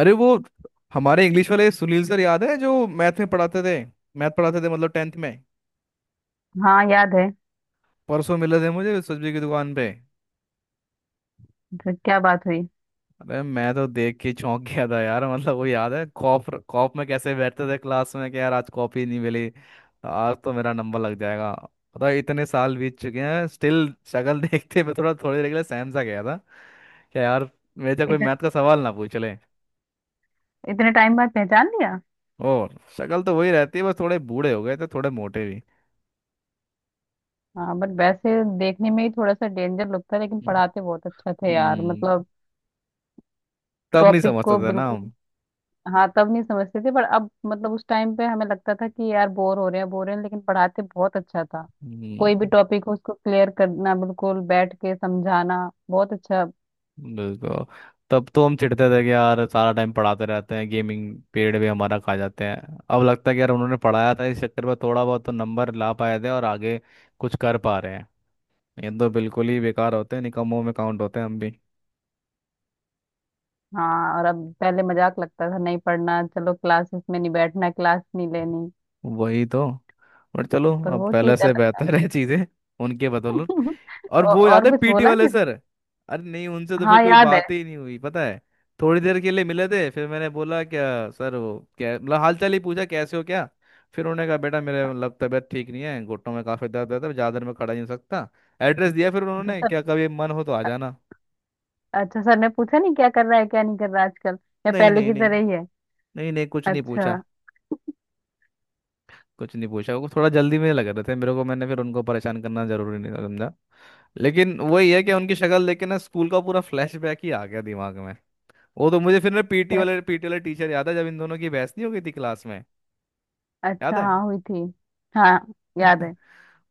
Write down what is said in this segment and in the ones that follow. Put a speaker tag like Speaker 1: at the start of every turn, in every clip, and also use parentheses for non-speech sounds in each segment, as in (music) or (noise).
Speaker 1: अरे वो हमारे इंग्लिश वाले सुनील सर याद है जो मैथ में पढ़ाते थे। मैथ पढ़ाते थे मतलब 10th में।
Speaker 2: हाँ, याद है।
Speaker 1: परसों मिले थे मुझे सब्जी की दुकान पे।
Speaker 2: तो क्या बात हुई।
Speaker 1: अरे मैं तो देख के चौंक गया था यार। मतलब वो याद है कॉप कॉप में कैसे बैठते थे क्लास में कि यार आज कॉपी नहीं मिली, आज तो मेरा नंबर लग जाएगा। पता है इतने साल बीत चुके हैं, स्टिल शक्ल (laughs) देखते मैं थोड़ा थोड़ी देर के लिए सहम सा गया था। क्या यार! मेरे से कोई
Speaker 2: इतने
Speaker 1: मैथ का सवाल ना पूछ ले।
Speaker 2: इतने टाइम बाद पहचान लिया।
Speaker 1: ओ, शक्ल तो वही रहती है, बस थोड़े बूढ़े हो गए थे, थोड़े मोटे भी।
Speaker 2: हाँ, बट वैसे देखने में ही थोड़ा सा डेंजर लगता है, लेकिन पढ़ाते बहुत अच्छा थे यार।
Speaker 1: हम्म
Speaker 2: मतलब
Speaker 1: तब नहीं
Speaker 2: टॉपिक
Speaker 1: समझते
Speaker 2: को
Speaker 1: थे ना
Speaker 2: बिल्कुल।
Speaker 1: हम।
Speaker 2: हाँ, तब नहीं समझते थे पर अब मतलब उस टाइम पे हमें लगता था कि यार बोर हो रहे हैं, बोर हो रहे हैं, लेकिन पढ़ाते बहुत अच्छा था। कोई भी
Speaker 1: हम्म,
Speaker 2: टॉपिक हो उसको क्लियर करना, बिल्कुल बैठ के समझाना बहुत अच्छा।
Speaker 1: बिल्कुल। तब तो हम चिढ़ते थे कि यार सारा टाइम पढ़ाते रहते हैं, गेमिंग पीरियड भी हमारा खा जाते हैं। अब लगता है कि यार उन्होंने पढ़ाया था, इस चक्कर में थोड़ा बहुत तो नंबर ला पाए थे और आगे कुछ कर पा रहे हैं। ये तो बिल्कुल ही बेकार होते हैं, निकम्मों में काउंट होते हैं हम भी।
Speaker 2: हाँ, और अब पहले मजाक लगता था, नहीं पढ़ना, चलो क्लासेस में नहीं बैठना, क्लास नहीं लेनी।
Speaker 1: वही तो। बट चलो
Speaker 2: पर
Speaker 1: अब
Speaker 2: वो
Speaker 1: पहले
Speaker 2: चीज
Speaker 1: से
Speaker 2: अलग।
Speaker 1: बेहतर है चीज़ें उनके बदौलत।
Speaker 2: (laughs)
Speaker 1: और वो याद
Speaker 2: और
Speaker 1: है
Speaker 2: कुछ
Speaker 1: पीटी
Speaker 2: बोला।
Speaker 1: वाले सर? अरे नहीं, उनसे तो फिर
Speaker 2: हाँ,
Speaker 1: कोई
Speaker 2: याद है।
Speaker 1: बात ही नहीं हुई पता है। थोड़ी देर के लिए मिले थे, फिर मैंने बोला क्या सर, वो क्या मतलब हालचाल ही पूछा कैसे हो क्या। फिर उन्होंने कहा बेटा मेरे मतलब तबीयत ठीक नहीं है, घुटनों में काफी दर्द रहता है तो ज्यादा देर में खड़ा नहीं हो सकता। एड्रेस दिया फिर
Speaker 2: तो
Speaker 1: उन्होंने,
Speaker 2: सर,
Speaker 1: क्या कभी मन हो तो आ जाना।
Speaker 2: अच्छा सर ने पूछा नहीं क्या कर रहा है, क्या नहीं कर रहा है आजकल, या
Speaker 1: नहीं
Speaker 2: पहले
Speaker 1: नहीं
Speaker 2: की तरह
Speaker 1: नहीं।
Speaker 2: ही है।
Speaker 1: नहीं नहीं कुछ नहीं
Speaker 2: अच्छा।
Speaker 1: पूछा। कुछ नहीं पूछा, वो थोड़ा जल्दी में लग रहे थे मेरे को, मैंने फिर उनको परेशान करना जरूरी नहीं समझा। लेकिन वही है कि उनकी शक्ल देख के ना स्कूल का पूरा फ्लैशबैक ही आ गया दिमाग। वो तो मुझे फिर ना
Speaker 2: क्या।
Speaker 1: पीटी वाले टीचर याद है जब इन दोनों की बहस नहीं हो गई थी क्लास में। याद
Speaker 2: अच्छा
Speaker 1: है
Speaker 2: हाँ, हुई थी। हाँ, याद है।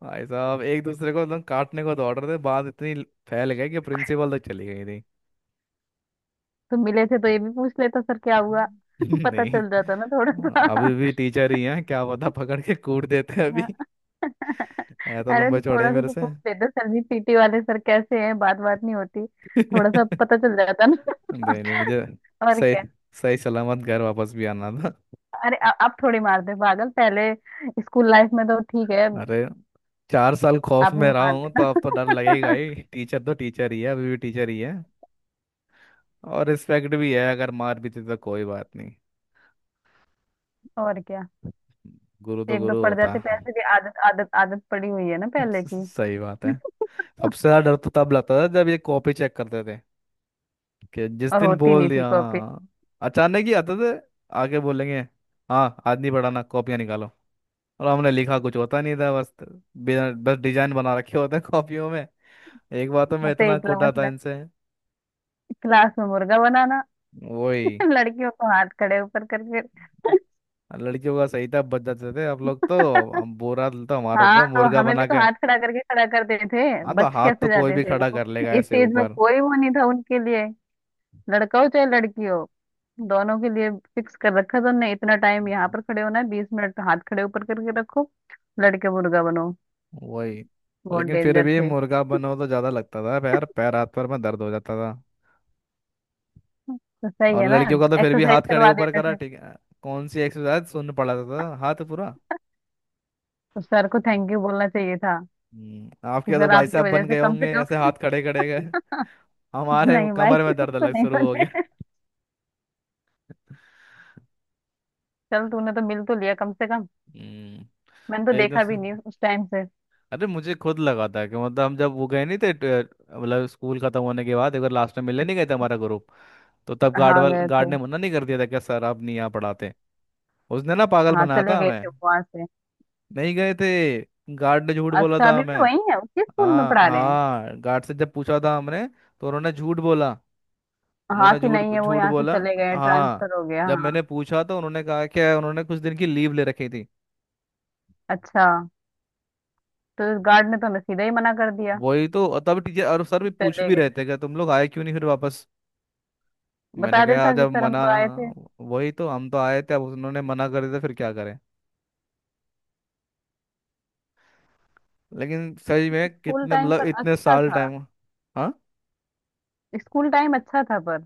Speaker 1: भाई साहब एक दूसरे को एकदम काटने को दौड़ रहे थे, बात इतनी फैल गई कि प्रिंसिपल तक चली गई थी।
Speaker 2: तुम मिले थे तो ये भी पूछ लेता, सर क्या हुआ। (laughs)
Speaker 1: (laughs)
Speaker 2: पता
Speaker 1: नहीं,
Speaker 2: चल जाता ना थोड़ा सा।
Speaker 1: अभी भी टीचर ही हैं क्या पता, पकड़ के कूट देते हैं अभी
Speaker 2: हाँ।
Speaker 1: (laughs)
Speaker 2: (laughs)
Speaker 1: ऐ तो
Speaker 2: अरे,
Speaker 1: लंबे
Speaker 2: तो
Speaker 1: चौड़े
Speaker 2: थोड़ा
Speaker 1: ही
Speaker 2: सा
Speaker 1: मेरे
Speaker 2: तो
Speaker 1: से
Speaker 2: पूछ लेते, सर जी पीटी वाले सर कैसे हैं, बात बात नहीं होती।
Speaker 1: (laughs)
Speaker 2: थोड़ा सा
Speaker 1: नहीं,
Speaker 2: पता चल जाता ना।
Speaker 1: नहीं मुझे
Speaker 2: (laughs) और
Speaker 1: सही,
Speaker 2: क्या।
Speaker 1: सही सलामत घर वापस भी आना था।
Speaker 2: अरे अब थोड़ी मार दे पागल पहले। स्कूल लाइफ में तो ठीक है, अब
Speaker 1: अरे 4 साल खौफ में
Speaker 2: नहीं
Speaker 1: रहा
Speaker 2: मार
Speaker 1: हूँ तो अब तो डर लगेगा
Speaker 2: देना।
Speaker 1: ही,
Speaker 2: (laughs)
Speaker 1: टीचर तो टीचर ही है, अभी भी टीचर ही है। और रिस्पेक्ट भी है, अगर मार भी थी तो कोई बात नहीं,
Speaker 2: और क्या।
Speaker 1: गुरु तो
Speaker 2: एक दो
Speaker 1: गुरु
Speaker 2: पड़
Speaker 1: होता
Speaker 2: जाते
Speaker 1: है।
Speaker 2: पैसे भी, आदत आदत आदत पड़ी हुई है ना पहले
Speaker 1: (laughs)
Speaker 2: की।
Speaker 1: सही बात है। सबसे
Speaker 2: (laughs)
Speaker 1: ज्यादा डर तो तब लगता था जब ये कॉपी चेक करते थे, कि जिस
Speaker 2: और
Speaker 1: दिन
Speaker 2: होती
Speaker 1: बोल
Speaker 2: नहीं थी
Speaker 1: दिया
Speaker 2: कॉपी।
Speaker 1: हाँ। अचानक ही आते थे। आगे बोलेंगे हाँ आज नहीं पढ़ाना, कॉपियाँ निकालो। और हमने लिखा कुछ होता नहीं था बस, बिना बस डिजाइन बना रखे होते हैं कॉपियों में। एक बार तो मैं
Speaker 2: आते
Speaker 1: इतना
Speaker 2: ही
Speaker 1: कोटा
Speaker 2: क्लास
Speaker 1: था
Speaker 2: में,
Speaker 1: इनसे।
Speaker 2: क्लास में मुर्गा बनाना। (laughs)
Speaker 1: वही।
Speaker 2: लड़कियों को हाथ खड़े ऊपर करके।
Speaker 1: लड़कियों का सही था, बच जाते थे आप लोग तो।
Speaker 2: (laughs)
Speaker 1: हम, बोरा तो हमारा
Speaker 2: हाँ
Speaker 1: था,
Speaker 2: तो
Speaker 1: मुर्गा
Speaker 2: हमें भी
Speaker 1: बना
Speaker 2: तो
Speaker 1: के।
Speaker 2: हाथ खड़ा करके खड़ा करते थे।
Speaker 1: हाँ तो
Speaker 2: बच
Speaker 1: हाथ
Speaker 2: कैसे
Speaker 1: तो कोई
Speaker 2: जाते
Speaker 1: भी
Speaker 2: थे
Speaker 1: खड़ा
Speaker 2: वो।
Speaker 1: कर लेगा
Speaker 2: इस
Speaker 1: ऐसे
Speaker 2: चीज में
Speaker 1: ऊपर।
Speaker 2: कोई वो नहीं था उनके लिए। लड़का हो चाहे लड़की हो, दोनों के लिए फिक्स कर रखा था उनने, इतना टाइम यहाँ
Speaker 1: हम्म।
Speaker 2: पर खड़े होना है, 20 मिनट हाथ खड़े ऊपर करके रखो। लड़के मुर्गा बनो।
Speaker 1: वही।
Speaker 2: बहुत
Speaker 1: लेकिन फिर
Speaker 2: डेंजर
Speaker 1: भी
Speaker 2: थे।
Speaker 1: मुर्गा बनो तो ज्यादा लगता था, पैर पैर हाथ पर में दर्द हो जाता था।
Speaker 2: तो सही
Speaker 1: और
Speaker 2: है ना,
Speaker 1: लड़कियों का तो फिर भी
Speaker 2: एक्सरसाइज
Speaker 1: हाथ खड़े
Speaker 2: करवा
Speaker 1: ऊपर
Speaker 2: देते
Speaker 1: करा,
Speaker 2: थे।
Speaker 1: ठीक है। कौन सी एक्सरसाइज! सुन पड़ा था तो हाथ पूरा।
Speaker 2: तो सर को थैंक यू बोलना चाहिए था कि
Speaker 1: आपके तो
Speaker 2: सर
Speaker 1: भाई
Speaker 2: आपकी
Speaker 1: साहब
Speaker 2: वजह
Speaker 1: बन
Speaker 2: से
Speaker 1: गए
Speaker 2: कम से
Speaker 1: होंगे ऐसे
Speaker 2: कम।
Speaker 1: हाथ खड़े खड़े गए।
Speaker 2: (laughs)
Speaker 1: हमारे
Speaker 2: नहीं भाई,
Speaker 1: कमर
Speaker 2: (laughs)
Speaker 1: में दर्द
Speaker 2: तो
Speaker 1: अलग
Speaker 2: नहीं
Speaker 1: शुरू हो
Speaker 2: बने।
Speaker 1: गया।
Speaker 2: चल, तूने तो मिल तो लिया कम से कम।
Speaker 1: हम्म,
Speaker 2: मैंने तो
Speaker 1: एकदम
Speaker 2: देखा
Speaker 1: से।
Speaker 2: भी नहीं उस टाइम से।
Speaker 1: अरे मुझे खुद लगा था कि मतलब हम जब वो गए नहीं थे मतलब स्कूल खत्म होने के बाद एक बार लास्ट में मिलने नहीं गए थे हमारा ग्रुप। तो तब
Speaker 2: हाँ, गए
Speaker 1: गार्ड
Speaker 2: थे।
Speaker 1: ने मना नहीं कर दिया था कि सर आप नहीं यहाँ पढ़ाते। उसने ना पागल
Speaker 2: हाँ,
Speaker 1: बनाया
Speaker 2: चले
Speaker 1: था
Speaker 2: गए थे
Speaker 1: हमें।
Speaker 2: वहां से।
Speaker 1: नहीं गए थे, गार्ड ने झूठ बोला
Speaker 2: अच्छा,
Speaker 1: था
Speaker 2: अभी
Speaker 1: हमें।
Speaker 2: भी वही है उसी स्कूल में
Speaker 1: हाँ
Speaker 2: पढ़ा रहे हैं।
Speaker 1: हाँ, गार्ड से जब पूछा था हमने तो उन्होंने झूठ बोला।
Speaker 2: हाँ,
Speaker 1: उन्होंने
Speaker 2: कि
Speaker 1: झूठ
Speaker 2: नहीं है वो
Speaker 1: झूठ
Speaker 2: यहाँ से
Speaker 1: बोला।
Speaker 2: चले गए,
Speaker 1: हाँ।
Speaker 2: ट्रांसफर हो गया,
Speaker 1: जब
Speaker 2: हाँ।
Speaker 1: मैंने पूछा तो उन्होंने कहा कि उन्होंने कुछ दिन की लीव ले रखी थी।
Speaker 2: अच्छा। तो इस गार्ड ने तो हमें सीधा ही मना कर दिया
Speaker 1: वही तो, तब टीचर और सर भी
Speaker 2: कि
Speaker 1: पूछ
Speaker 2: चले
Speaker 1: भी रहे
Speaker 2: गए।
Speaker 1: थे कि तुम लोग आए क्यों नहीं फिर वापस। मैंने
Speaker 2: बता
Speaker 1: कहा
Speaker 2: देता कि
Speaker 1: जब
Speaker 2: सर हम
Speaker 1: मना,
Speaker 2: तो आए थे।
Speaker 1: हाँ, वही तो, हम तो आए थे अब उन्होंने मना कर दिया फिर क्या करें। लेकिन सही में
Speaker 2: स्कूल
Speaker 1: कितने,
Speaker 2: टाइम
Speaker 1: मतलब
Speaker 2: पर
Speaker 1: इतने
Speaker 2: अच्छा
Speaker 1: साल
Speaker 2: था।
Speaker 1: टाइम। हाँ।
Speaker 2: स्कूल टाइम अच्छा था पर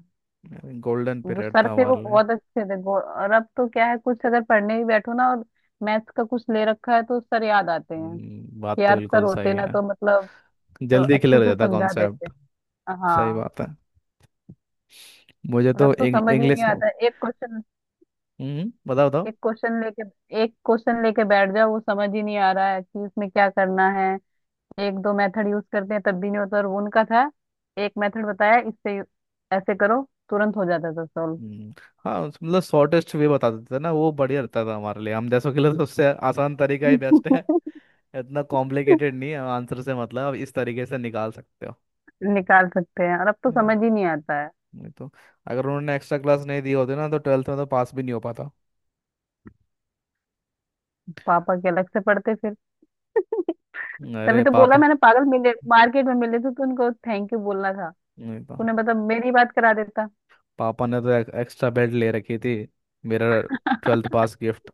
Speaker 1: गोल्डन
Speaker 2: जो
Speaker 1: पीरियड
Speaker 2: सर
Speaker 1: था
Speaker 2: थे वो
Speaker 1: हमारे लिए।
Speaker 2: बहुत अच्छे थे। और अब तो क्या है, कुछ अगर पढ़ने भी बैठो ना, और मैथ्स का कुछ ले रखा है तो सर याद आते हैं
Speaker 1: बात
Speaker 2: कि
Speaker 1: तो
Speaker 2: यार सर
Speaker 1: बिल्कुल
Speaker 2: होते
Speaker 1: सही
Speaker 2: ना
Speaker 1: है।
Speaker 2: तो मतलब
Speaker 1: जल्दी
Speaker 2: अच्छे
Speaker 1: क्लियर हो
Speaker 2: से
Speaker 1: जाता
Speaker 2: समझा देते।
Speaker 1: कॉन्सेप्ट। सही
Speaker 2: हाँ,
Speaker 1: बात है। मुझे
Speaker 2: और
Speaker 1: तो
Speaker 2: अब तो समझ ही नहीं
Speaker 1: इंग्लिश।
Speaker 2: आता एक क्वेश्चन,
Speaker 1: हम्म, बताओ बताओ।
Speaker 2: एक क्वेश्चन लेके, एक क्वेश्चन लेके बैठ जाओ वो समझ ही नहीं आ रहा है कि इसमें क्या करना है। एक दो मेथड यूज करते हैं तब भी नहीं होता, और वो उनका था, एक मेथड बताया इससे, ऐसे करो, तुरंत हो जाता था सॉल्व।
Speaker 1: हम्म, हाँ मतलब शॉर्टेस्ट वे बता देते थे ना, वो बढ़िया रहता था हमारे लिए, हम जैसों के लिए तो सबसे आसान तरीका ही बेस्ट है।
Speaker 2: (laughs)
Speaker 1: इतना कॉम्प्लिकेटेड नहीं है, आंसर से मतलब इस तरीके से निकाल सकते
Speaker 2: निकाल सकते हैं, और अब तो
Speaker 1: हो
Speaker 2: समझ ही नहीं आता है।
Speaker 1: नहीं तो। अगर उन्होंने एक्स्ट्रा क्लास नहीं दी होती ना तो 12th में तो पास भी नहीं हो पाता।
Speaker 2: पापा के अलग से पड़ते फिर। (laughs) तभी
Speaker 1: अरे
Speaker 2: तो बोला
Speaker 1: पापा,
Speaker 2: मैंने पागल, मिले मार्केट में मिले थे तो उनको थैंक यू बोलना था।
Speaker 1: नहीं तो
Speaker 2: तूने मतलब मेरी बात करा देता।
Speaker 1: पापा ने तो एक्स्ट्रा बेड ले रखी थी मेरा। ट्वेल्थ
Speaker 2: (laughs)
Speaker 1: पास गिफ्ट,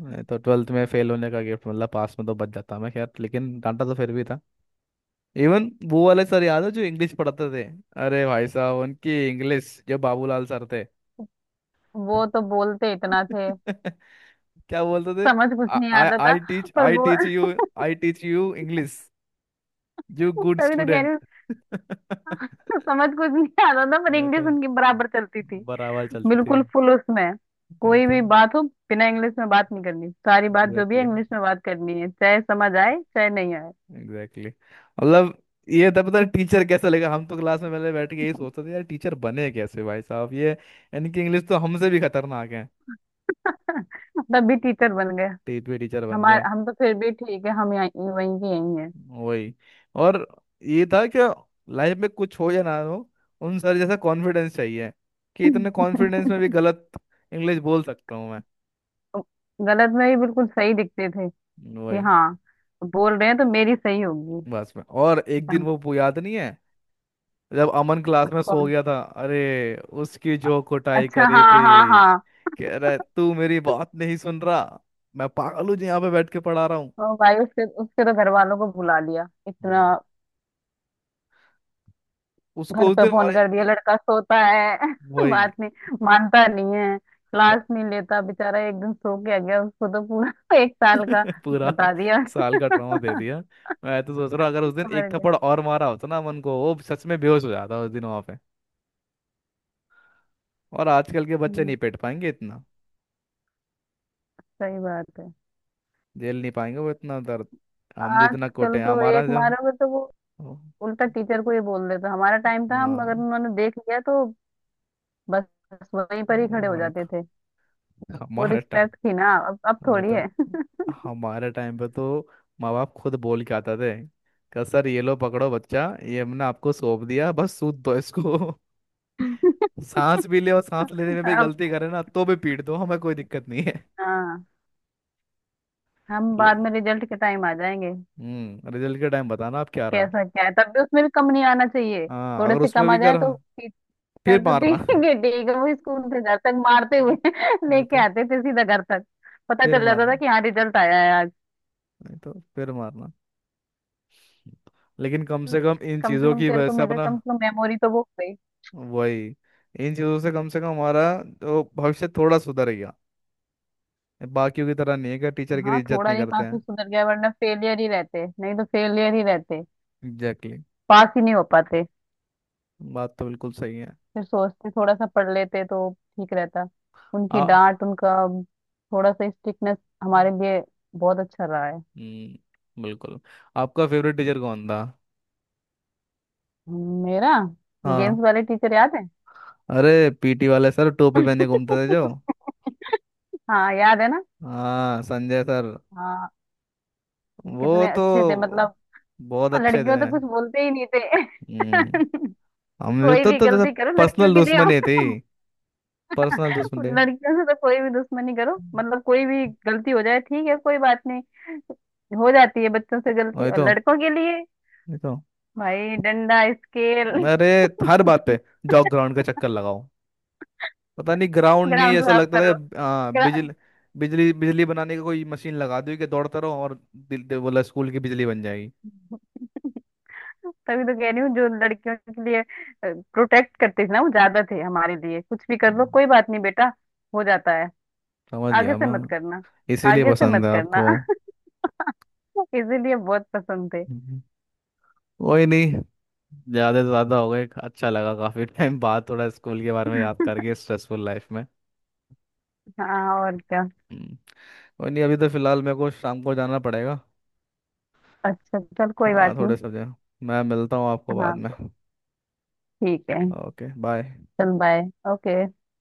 Speaker 1: नहीं तो 12th में फेल होने का गिफ्ट। मतलब पास में तो बच जाता मैं, खैर लेकिन डांटा तो फिर भी था। इवन वो वाले सर याद है जो इंग्लिश पढ़ाते थे, अरे भाई साहब उनकी इंग्लिश, जो बाबूलाल सर थे।
Speaker 2: वो
Speaker 1: (laughs)
Speaker 2: तो बोलते इतना थे।
Speaker 1: क्या बोलते थे?
Speaker 2: समझ कुछ नहीं आता था, पर
Speaker 1: आई
Speaker 2: वो।
Speaker 1: Teach you.
Speaker 2: (laughs)
Speaker 1: I teach you English. You good
Speaker 2: तभी तो कह रही हूँ।
Speaker 1: स्टूडेंट। (laughs)
Speaker 2: समझ कुछ नहीं आता था, पर
Speaker 1: मैं
Speaker 2: इंग्लिश
Speaker 1: तो
Speaker 2: उनकी बराबर चलती थी।
Speaker 1: बराबर चलते थे।
Speaker 2: बिल्कुल फुल उसमें।
Speaker 1: ये
Speaker 2: कोई
Speaker 1: तो
Speaker 2: भी बात हो, बिना इंग्लिश में बात नहीं करनी, सारी बात जो भी है
Speaker 1: एग्जैक्टली,
Speaker 2: इंग्लिश में बात करनी है, चाहे समझ आए चाहे नहीं आए।
Speaker 1: एग्जैक्टली मतलब। ये था पता टीचर कैसा लगेगा, हम तो क्लास में पहले बैठ के यही सोचते थे यार टीचर बने कैसे भाई साहब ये, इनकी इंग्लिश तो हमसे भी खतरनाक है।
Speaker 2: (laughs) तब भी टीचर बन।
Speaker 1: टेट पे टीचर बन गए।
Speaker 2: हमारे, हम तो फिर भी ठीक है, हम यहाँ, वहीं के यहीं हैं।
Speaker 1: वही। और ये था कि लाइफ में कुछ हो या ना हो, उन सर जैसा कॉन्फिडेंस चाहिए कि इतने कॉन्फिडेंस में भी गलत इंग्लिश बोल सकता हूँ मैं।
Speaker 2: (laughs) गलत में ही बिल्कुल सही दिखते थे कि
Speaker 1: वही।
Speaker 2: हाँ, बोल रहे हैं तो मेरी सही होगी।
Speaker 1: बस में और एक दिन
Speaker 2: पर
Speaker 1: वो याद नहीं है जब अमन क्लास में सो
Speaker 2: कौन।
Speaker 1: गया था? अरे उसकी जो कुटाई
Speaker 2: अच्छा,
Speaker 1: करे
Speaker 2: हाँ हाँ
Speaker 1: थे।
Speaker 2: हाँ।
Speaker 1: कह रहा है तू मेरी बात नहीं सुन रहा, मैं पागल हूँ जो यहाँ पे बैठ के पढ़ा रहा हूँ।
Speaker 2: ओ भाई, उसके उसके तो घर वालों को बुला लिया इतना।
Speaker 1: हम्म। उसको
Speaker 2: घर
Speaker 1: उस
Speaker 2: पे
Speaker 1: दिन और
Speaker 2: फोन कर दिया, लड़का सोता है। (laughs)
Speaker 1: वही।
Speaker 2: बात नहीं मानता, नहीं है, क्लास नहीं लेता, बेचारा एक दिन सो के आ गया, उसको तो पूरा (laughs) एक साल का
Speaker 1: (laughs) पूरा
Speaker 2: बता दिया। (laughs) और
Speaker 1: साल का ट्रॉमा दे दिया। मैं तो सोच रहा हूँ, अगर उस दिन एक
Speaker 2: क्या।
Speaker 1: थप्पड़ और मारा होता ना अमन को वो सच में बेहोश हो जाता उस दिन वहां पे। और आजकल के बच्चे
Speaker 2: हम्म,
Speaker 1: नहीं पेट पाएंगे इतना,
Speaker 2: सही बात है।
Speaker 1: झेल नहीं पाएंगे वो इतना दर्द। हम जितना कोटे
Speaker 2: आजकल
Speaker 1: हैं,
Speaker 2: तो
Speaker 1: हमारा
Speaker 2: एक
Speaker 1: जो।
Speaker 2: मारोगे तो वो उल्टा टीचर को ही बोल देता, हमारा टाइम था, हम अगर
Speaker 1: हाँ
Speaker 2: उन्होंने देख लिया तो बस, वहीं पर ही खड़े हो
Speaker 1: वो
Speaker 2: जाते थे। वो
Speaker 1: हमारे टाइम।
Speaker 2: रिस्पेक्ट थी ना, अब
Speaker 1: वही
Speaker 2: थोड़ी
Speaker 1: तो,
Speaker 2: है।
Speaker 1: हमारे टाइम पे तो माँ बाप खुद बोल के आते थे कि सर ये लो पकड़ो बच्चा, ये हमने आपको सौंप दिया, बस सूद दो इसको। (laughs) सांस भी ले, और सांस
Speaker 2: (laughs)
Speaker 1: लेने में भी
Speaker 2: अब
Speaker 1: गलती करे ना तो भी पीट दो, हमें कोई दिक्कत नहीं है (laughs)
Speaker 2: हाँ, हम
Speaker 1: ले,
Speaker 2: बाद में रिजल्ट के टाइम आ जाएंगे।
Speaker 1: रिजल्ट के टाइम बताना आप क्या रहा।
Speaker 2: कैसा क्या है, तब भी उसमें भी कम नहीं आना चाहिए,
Speaker 1: हाँ
Speaker 2: थोड़े
Speaker 1: अगर
Speaker 2: से
Speaker 1: उसमें
Speaker 2: कम आ
Speaker 1: भी
Speaker 2: जाए
Speaker 1: करा।
Speaker 2: तो टीचर
Speaker 1: फिर
Speaker 2: तो
Speaker 1: मारना
Speaker 2: ठीक
Speaker 1: (laughs)
Speaker 2: है, ठीक है, वो स्कूल से घर तक मारते हुए (laughs)
Speaker 1: वही
Speaker 2: लेके
Speaker 1: तो,
Speaker 2: आते थे सीधा घर तक। पता
Speaker 1: फिर
Speaker 2: चल जाता था
Speaker 1: मारना,
Speaker 2: कि हाँ, रिजल्ट आया है।
Speaker 1: नहीं तो फिर मारना। लेकिन कम से कम इन
Speaker 2: कम से
Speaker 1: चीजों
Speaker 2: कम
Speaker 1: की
Speaker 2: तेरे
Speaker 1: वजह
Speaker 2: को
Speaker 1: से
Speaker 2: मिला,
Speaker 1: अपना,
Speaker 2: कम से कम मेमोरी तो वो हो गई।
Speaker 1: वही। इन चीज़ों से कम हमारा जो भविष्य थोड़ा सुधर गया, बाकियों की तरह नहीं है कि टीचर की
Speaker 2: हाँ,
Speaker 1: इज्जत
Speaker 2: थोड़ा
Speaker 1: नहीं
Speaker 2: नहीं
Speaker 1: करते
Speaker 2: काफी
Speaker 1: हैं।
Speaker 2: सुधर गया, वरना फेलियर ही रहते, नहीं तो फेलियर ही रहते।
Speaker 1: एग्जैक्टली
Speaker 2: पास ही नहीं हो पाते।
Speaker 1: exactly। बात तो बिल्कुल सही है।
Speaker 2: फिर सोचते थोड़ा सा पढ़ लेते तो ठीक रहता।
Speaker 1: आ
Speaker 2: उनकी डांट, उनका थोड़ा सा स्ट्रिक्टनेस हमारे लिए बहुत अच्छा रहा है।
Speaker 1: बिल्कुल। आपका फेवरेट टीचर कौन था?
Speaker 2: मेरा, गेम्स
Speaker 1: हाँ
Speaker 2: वाले टीचर याद है।
Speaker 1: अरे पीटी वाले सर टोपी पहने घूमते थे जो।
Speaker 2: (laughs) हाँ, याद है ना।
Speaker 1: हाँ संजय सर।
Speaker 2: हाँ,
Speaker 1: वो
Speaker 2: कितने
Speaker 1: तो
Speaker 2: अच्छे थे मतलब।
Speaker 1: बहुत अच्छे थे।
Speaker 2: लड़कियों तो कुछ बोलते ही नहीं थे।
Speaker 1: हम्म। हम
Speaker 2: (laughs)
Speaker 1: लोग
Speaker 2: कोई
Speaker 1: तो
Speaker 2: भी
Speaker 1: जैसे
Speaker 2: गलती करो लड़कियों
Speaker 1: पर्सनल
Speaker 2: के लिए।
Speaker 1: दुश्मनी थी,
Speaker 2: हम,
Speaker 1: पर्सनल दुश्मन थे।
Speaker 2: लड़कियों से तो कोई भी दुश्मनी करो, मतलब कोई भी गलती हो जाए ठीक है, कोई बात नहीं, हो जाती है बच्चों से गलती।
Speaker 1: वही
Speaker 2: और
Speaker 1: तो,
Speaker 2: लड़कों के लिए
Speaker 1: वही तो।
Speaker 2: भाई, डंडा स्केल।
Speaker 1: अरे
Speaker 2: (laughs)
Speaker 1: हर बात पे जाओ ग्राउंड का चक्कर लगाओ, पता नहीं ग्राउंड नहीं
Speaker 2: ग्राउंड
Speaker 1: ऐसा
Speaker 2: साफ
Speaker 1: लगता था
Speaker 2: करो।
Speaker 1: कि
Speaker 2: ग्रा-
Speaker 1: बिजली बिजली बिजली बनाने की कोई मशीन लगा दी कि दौड़ते रहो और दिल दे बोला स्कूल की बिजली बन जाएगी।
Speaker 2: तभी तो कह रही हूँ जो लड़कियों के लिए प्रोटेक्ट करते थे ना वो ज्यादा थे, हमारे लिए कुछ भी कर लो
Speaker 1: हम्म,
Speaker 2: कोई बात नहीं बेटा, हो जाता है,
Speaker 1: समझ
Speaker 2: आगे
Speaker 1: गया
Speaker 2: से
Speaker 1: मैं।
Speaker 2: मत करना,
Speaker 1: इसीलिए
Speaker 2: आगे से
Speaker 1: पसंद
Speaker 2: मत
Speaker 1: है आपको।
Speaker 2: करना। (laughs) इसीलिए बहुत पसंद थे।
Speaker 1: हम्म। कोई नहीं, ज्यादा से ज्यादा हो गए। अच्छा लगा काफी टाइम बाद थोड़ा स्कूल के बारे में याद
Speaker 2: (laughs)
Speaker 1: करके स्ट्रेसफुल लाइफ में।
Speaker 2: हाँ, और क्या।
Speaker 1: हम्म, कोई नहीं, अभी तो फिलहाल मेरे को शाम को जाना पड़ेगा।
Speaker 2: अच्छा चल, कोई
Speaker 1: हाँ
Speaker 2: बात
Speaker 1: थोड़े
Speaker 2: नहीं।
Speaker 1: से, मैं मिलता हूँ आपको बाद
Speaker 2: हाँ
Speaker 1: में।
Speaker 2: ठीक है।
Speaker 1: Okay bye.
Speaker 2: चल बाय। ओके।